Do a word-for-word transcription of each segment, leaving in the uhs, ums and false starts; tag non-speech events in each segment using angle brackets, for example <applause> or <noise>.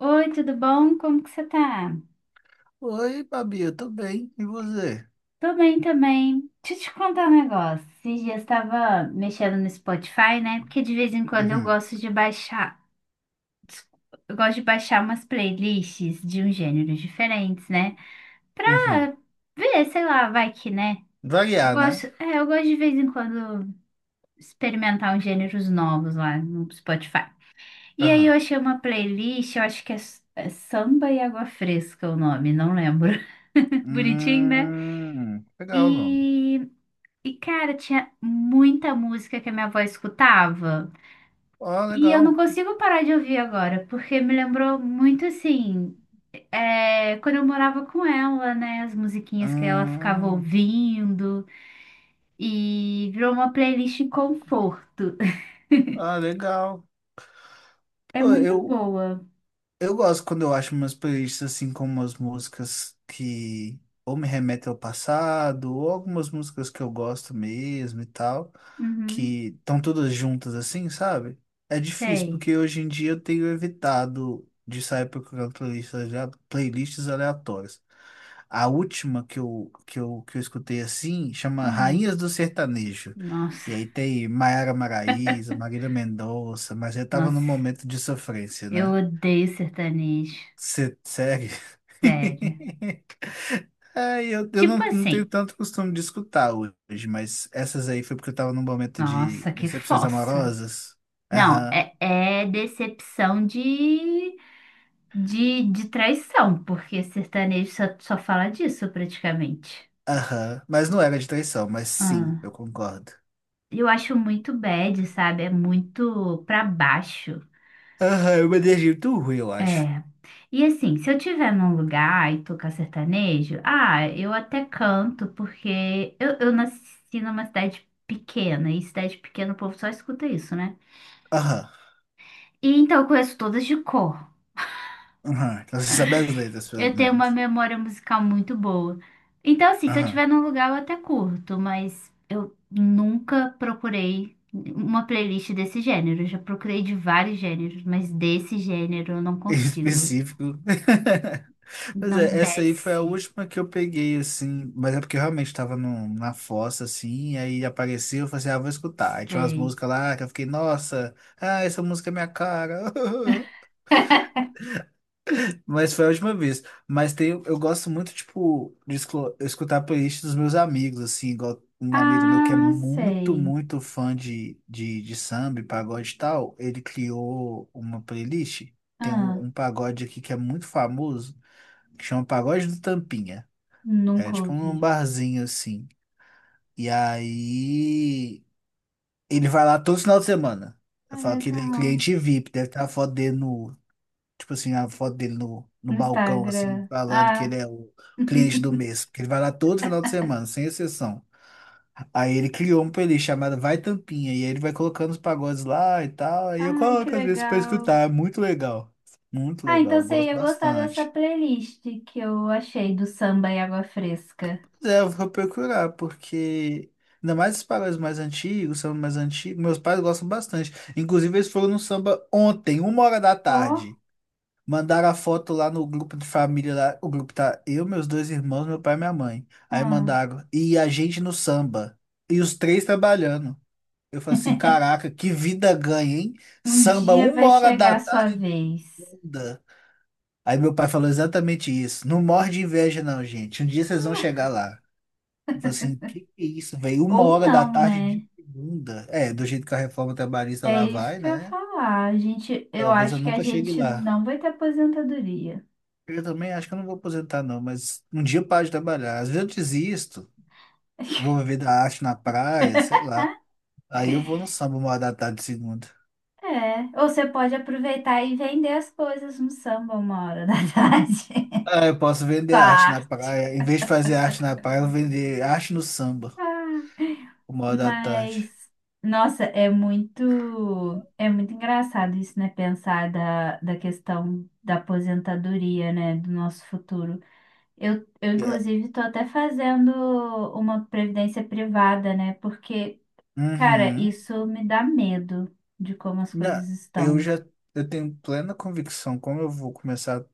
Oi, tudo bom? Como que você tá? Oi, Babi, eu tô bem. E você? Tô bem também. Deixa eu te contar um negócio. Esses dias estava mexendo no Spotify, né? Porque de vez em quando eu Uhum, gosto de baixar, desculpa, eu gosto de baixar umas playlists de uns gêneros diferentes, né? Pra uhum. ver, sei lá, vai que, né? Eu Variar, né? gosto, é, eu gosto de vez em quando experimentar uns gêneros novos lá no Spotify. E aí eu Aham. achei uma playlist, eu acho que é, s- é Samba e Água Fresca o nome, não lembro. <laughs> Bonitinho, né? Hum, legal o nome. E, e, cara, tinha muita música que a minha avó escutava. Ó, E eu não legal. consigo parar de ouvir agora, porque me lembrou muito assim, é, quando eu morava com ela, né? As musiquinhas que ela ficava Hum, ouvindo. E virou uma playlist conforto. <laughs> ah, legal. É Pô, muito eu, boa. eu gosto quando eu acho umas playlists assim com umas músicas que ou me remetem ao passado, ou algumas músicas que eu gosto mesmo e tal. Uhum, Que estão todas juntas assim, sabe? É difícil, sei. porque hoje em dia eu tenho evitado de sair procurando playlists, alea- playlists aleatórias. A última que eu, que eu, que eu escutei assim chama Hum, Rainhas do Sertanejo. nossa, E aí tem Maiara Maraíza, Marília Mendonça, mas eu tava num nossa, momento de sofrência, eu né? odeio sertanejo. Você segue? Sério. <laughs> É, eu, eu não, Tipo não tenho assim, tanto costume de escutar hoje, mas essas aí foi porque eu tava num momento de nossa, que decepções fossa. amorosas. Não, Aham, é, é decepção de, de, de traição, porque sertanejo só, só fala disso praticamente. aham. Mas não era de traição, mas sim, Ah, eu concordo. eu acho muito bad, sabe? É muito pra baixo. Aham, eu uma energia muito ruim, eu acho. É. E assim, se eu tiver num lugar e tocar sertanejo, ah, eu até canto, porque eu, eu nasci numa cidade pequena, e cidade pequena o povo só escuta isso, né? Aham, E então eu conheço todas de cor. aham. Então você sabe as letras, pelo Eu tenho uma menos. memória musical muito boa. Então, assim, se eu Aham. estiver num lugar, eu até curto, mas eu nunca procurei uma playlist desse gênero. Eu já procurei de vários gêneros, mas desse gênero eu não Em consigo. específico. <laughs> Pois Não é, essa aí foi a desce. última que eu peguei, assim, mas é porque eu realmente tava no, na fossa, assim, e aí apareceu, eu falei assim, ah, vou escutar. Aí tinha umas Sei. músicas lá que eu fiquei, nossa, ah, essa música é minha cara. <laughs> <laughs> Mas foi a última vez. Mas tem, eu gosto muito, tipo, de esclo- escutar a playlist dos meus amigos, assim, igual um amigo meu que é Ah, muito, sei. muito fã de, de, de samba, e pagode e tal, ele criou uma playlist. Tem um, Ah, um pagode aqui que é muito famoso, que chama Pagode do Tampinha. É nunca tipo ouvi. um barzinho assim. E aí ele vai lá todo final de semana. Ah, Eu falo que ele é legal. cliente VIP, deve estar a foto dele no, tipo assim, a foto dele no, no No balcão, assim, Instagram. falando que Ah, ele é o cliente <laughs> do mês. Porque ele vai lá todo final de semana, sem exceção. Aí ele criou uma playlist chamada Vai Tampinha, e aí ele vai colocando os pagodes lá e tal. Aí eu ai, que coloco às vezes pra legal. escutar, é muito legal. Muito Ah, então legal, eu você gosto ia gostar dessa bastante. playlist que eu achei do samba e água fresca. É, eu vou procurar, porque ainda mais os pagodes mais antigos, samba mais antigo, meus pais gostam bastante. Inclusive, eles foram no samba ontem, uma hora da Ó, tarde. Mandaram a foto lá no grupo de família, lá, o grupo tá eu, meus dois irmãos, meu pai e minha mãe. Aí ah, mandaram, e a gente no samba. E os três trabalhando. Eu falei assim, caraca, que vida ganha, hein? um Samba dia uma vai hora chegar da a sua tarde. vez. Aí meu pai falou exatamente isso. Não morre de inveja, não, gente. Um dia vocês vão chegar lá. Eu falei assim, que que é isso, velho? Uma Ou hora da não, tarde de né? segunda. É, do jeito que a reforma trabalhista É lá isso vai, que eu ia né? falar. A gente, eu Talvez eu acho que a nunca chegue gente lá. não vai ter aposentadoria. Eu também acho que eu não vou aposentar, não, mas um dia eu paro de trabalhar. Às vezes eu desisto, vou viver da arte na praia, sei lá. Aí eu vou no samba uma hora da tarde de segunda. É, ou você pode aproveitar e vender as coisas no samba uma hora da tarde. Ah, eu posso <laughs> vender Sua arte na arte. praia. Em vez de fazer arte na praia, eu vou vender arte no samba, uma hora da tarde. Mas, nossa, é muito, é muito engraçado isso, né? Pensar da, da questão da aposentadoria, né? Do nosso futuro. Eu, eu É. inclusive, estou até fazendo uma previdência privada, né? Porque, cara, Uhum. isso me dá medo de como as Na, coisas eu estão. já eu tenho plena convicção como eu vou começar,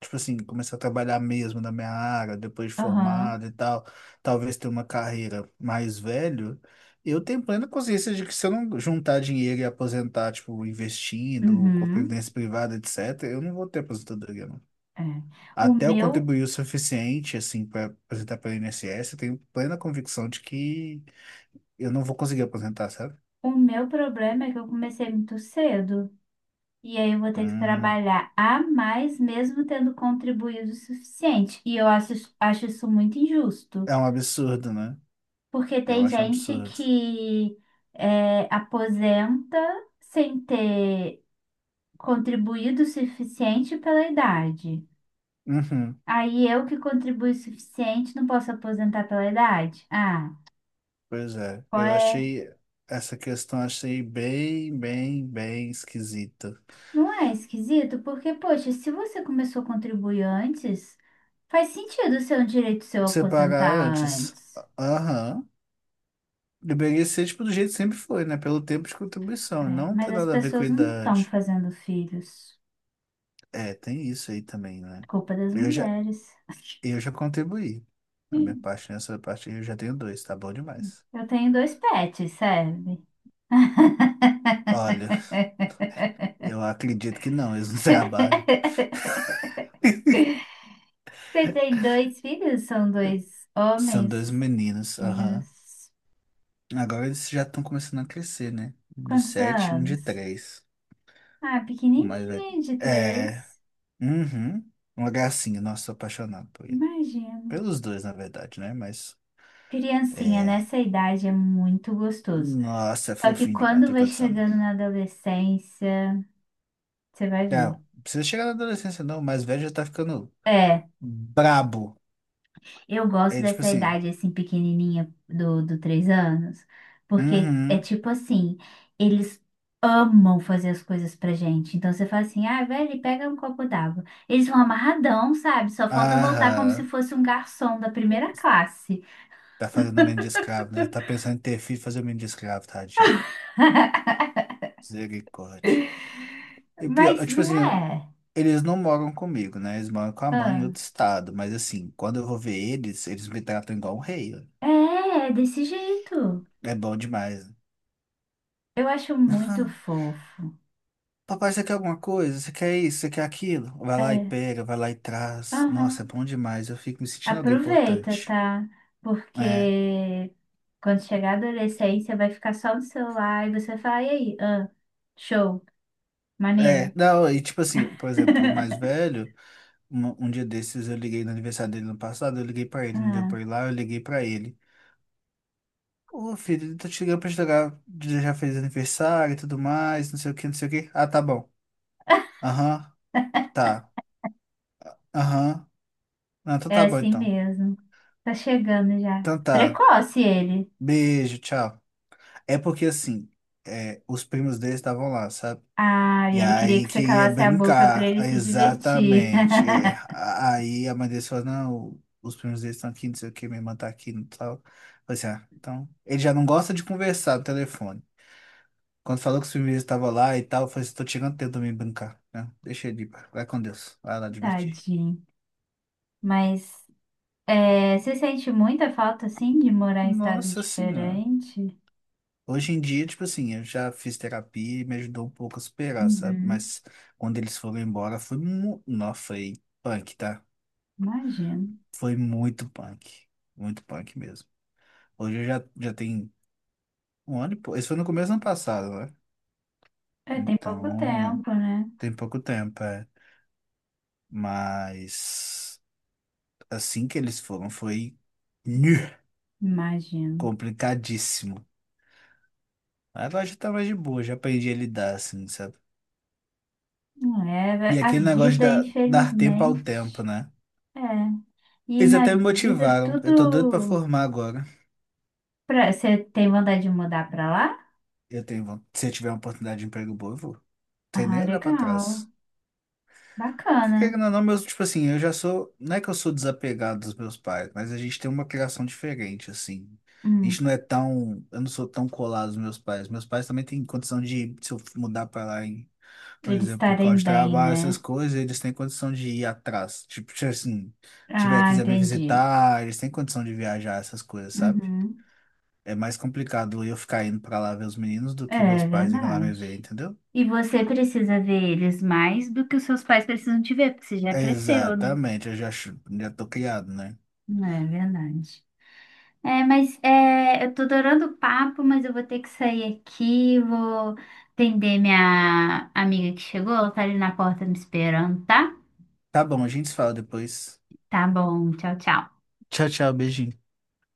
tipo assim, começar a trabalhar mesmo na minha área, depois de Aham, formado e tal, talvez ter uma carreira mais velho. Eu tenho plena consciência de que se eu não juntar dinheiro e aposentar, tipo, investindo, com uhum, previdência privada, etcetera, eu não vou ter aposentadoria, não. é. O Até eu meu, contribuir o suficiente, assim, para aposentar pelo INSS, eu tenho plena convicção de que eu não vou conseguir aposentar, sabe? o meu problema é que eu comecei muito cedo. E aí eu vou ter que Hum, trabalhar a mais, mesmo tendo contribuído o suficiente. E eu acho, acho isso muito injusto, é um absurdo, né? porque Eu tem acho um gente absurdo. que é, aposenta sem ter contribuído o suficiente pela idade. Uhum, Aí eu que contribuí o suficiente não posso aposentar pela idade? Ah, pois é, qual eu é? achei essa questão achei bem, bem, bem esquisita. Não é esquisito? Porque, poxa, se você começou a contribuir antes, faz sentido ser um direito seu aposentar Separar antes, antes. aham, deveria ser tipo do jeito que sempre foi, né? Pelo tempo de contribuição, É, não mas tem as nada a ver com pessoas não estão idade. fazendo filhos. É, tem isso aí também, né? Culpa das Eu já, mulheres. <laughs> eu já contribuí. Na minha Sim. parte, nessa parte eu já tenho dois, tá bom demais. Eu tenho dois pets, serve. Olha, eu acredito que não, eles não <laughs> trabalham. Você tem dois filhos? São dois São homens, dois meninos, aham. meninos. Agora eles já estão começando a crescer, né? Um de Quantos sete e um de anos? três. Ah, O mais velho. pequenininho, de É. três. Uhum. Uma gracinha. Nossa, sou apaixonado por ele. Imagino. Pelos dois, na verdade, né? Mas. Criancinha É. nessa idade é muito gostoso. Nossa, é Só que fofinho demais. quando Tem vai condição, não. chegando na adolescência, você vai ver. Não, não precisa chegar na adolescência, não. O mais velho já tá ficando É. brabo. Eu gosto É tipo dessa assim. idade assim pequenininha do, do três anos, porque é Uhum. tipo assim, eles amam fazer as coisas pra gente. Então você fala assim, ah, velho, pega um copo d'água. Eles vão amarradão, sabe? Só falta voltar como se Aham. fosse um garçom da primeira classe. Tá fazendo o menino de escravo, né? Já tá pensando em ter filho e fazer o menino de escravo, tadinho. Misericórdia. E pior, Mas é, tipo não assim, é. eles não moram comigo, né? Eles moram com a mãe em Ah, outro estado. Mas assim, quando eu vou ver eles, eles me tratam igual um rei. é, é desse jeito. É bom demais. Eu acho muito Ah, fofo. papai, você quer alguma coisa? Você quer isso? Você quer aquilo? Vai lá e É. pega, vai lá e traz. Nossa, é Aham. bom demais. Eu fico me sentindo alguém Aproveita, importante. tá? Porque É. quando chegar a adolescência, vai ficar só no celular e você vai falar, e aí? Ah, show, É, maneiro. não, e tipo assim, por exemplo, o mais velho, um, um dia desses eu liguei no aniversário dele no passado, eu liguei pra ele, não deu Ah, pra ir lá, eu liguei pra ele. Ô, filho, tô te ligando pra te dar. Já fez aniversário e tudo mais, não sei o que, não sei o que. Ah, tá bom. Aham. Tá. Aham. Ah, então é tá bom, assim então. mesmo. Tá chegando já. Então tá. Precoce ele. Beijo, tchau. É porque assim, é, os primos deles estavam lá, sabe? Ah, e E ele queria aí que você queria calasse a boca pra brincar, ele ah, se divertir. exatamente. É, a- aí a mãe deles falou, não, os primos deles estão aqui, não sei o que, minha irmã tá aqui, não tal. Falei assim, ah, então. Ele já não gosta de conversar no telefone. Quando falou que os primos deles estavam lá e tal, eu falei assim, tô chegando tempo de me brincar, né? Deixa ele ir, pá. Vai com Deus, vai lá <laughs> divertir. Tadinho. Mas é, você sente muita falta, assim, de morar em estado Nossa senhora. diferente? Hoje em dia, tipo assim, eu já fiz terapia e me ajudou um pouco a superar, sabe? Uhum, Mas quando eles foram embora, foi mu... não, foi punk, tá? imagino. Foi muito punk. Muito punk mesmo. Hoje eu já, já tem um ano e pouco. Isso foi no começo do ano passado, né? É, tem pouco Então, tempo, né? tem pouco tempo, é. Mas assim que eles foram, foi <laughs> nhu, Imagino. complicadíssimo. Agora já tá mais de boa, já aprendi a lidar, assim, sabe? Não E é, a aquele negócio de vida, dar dar tempo ao tempo, infelizmente. né? É. E Eles na até me vida motivaram. Eu tô doido pra tudo. formar agora. Pra... Você tem vontade de mudar pra lá? Eu tenho, von- se eu tiver uma oportunidade de emprego boa, eu vou. Sem Ah, nem olhar pra legal. trás. Porque, Bacana. querendo ou não, meus, tipo assim, eu já sou. Não é que eu sou desapegado dos meus pais, mas a gente tem uma criação diferente, assim. A gente Hum, não é tão. Eu não sou tão colado aos meus pais. Meus pais também têm condição de, se eu mudar pra lá, em, por eles exemplo, por causa estarem de bem, trabalho, essas né? coisas, eles têm condição de ir atrás. Tipo, se assim, tiver, Ah, quiser me entendi. visitar, eles têm condição de viajar, essas coisas, sabe? Uhum. É mais complicado eu ficar indo pra lá ver os meninos do que meus É pais irem lá me verdade. ver, entendeu? E você precisa ver eles mais do que os seus pais precisam te ver, porque você já cresceu, né? Exatamente, eu já, ch- já tô criado, né? Hum, é verdade. É, mas é, eu tô adorando o papo, mas eu vou ter que sair aqui, vou atender minha amiga que chegou, ela tá ali na porta me esperando, tá? Tá bom, a gente se fala depois. Tá bom, tchau, tchau. Tchau, tchau, beijinho.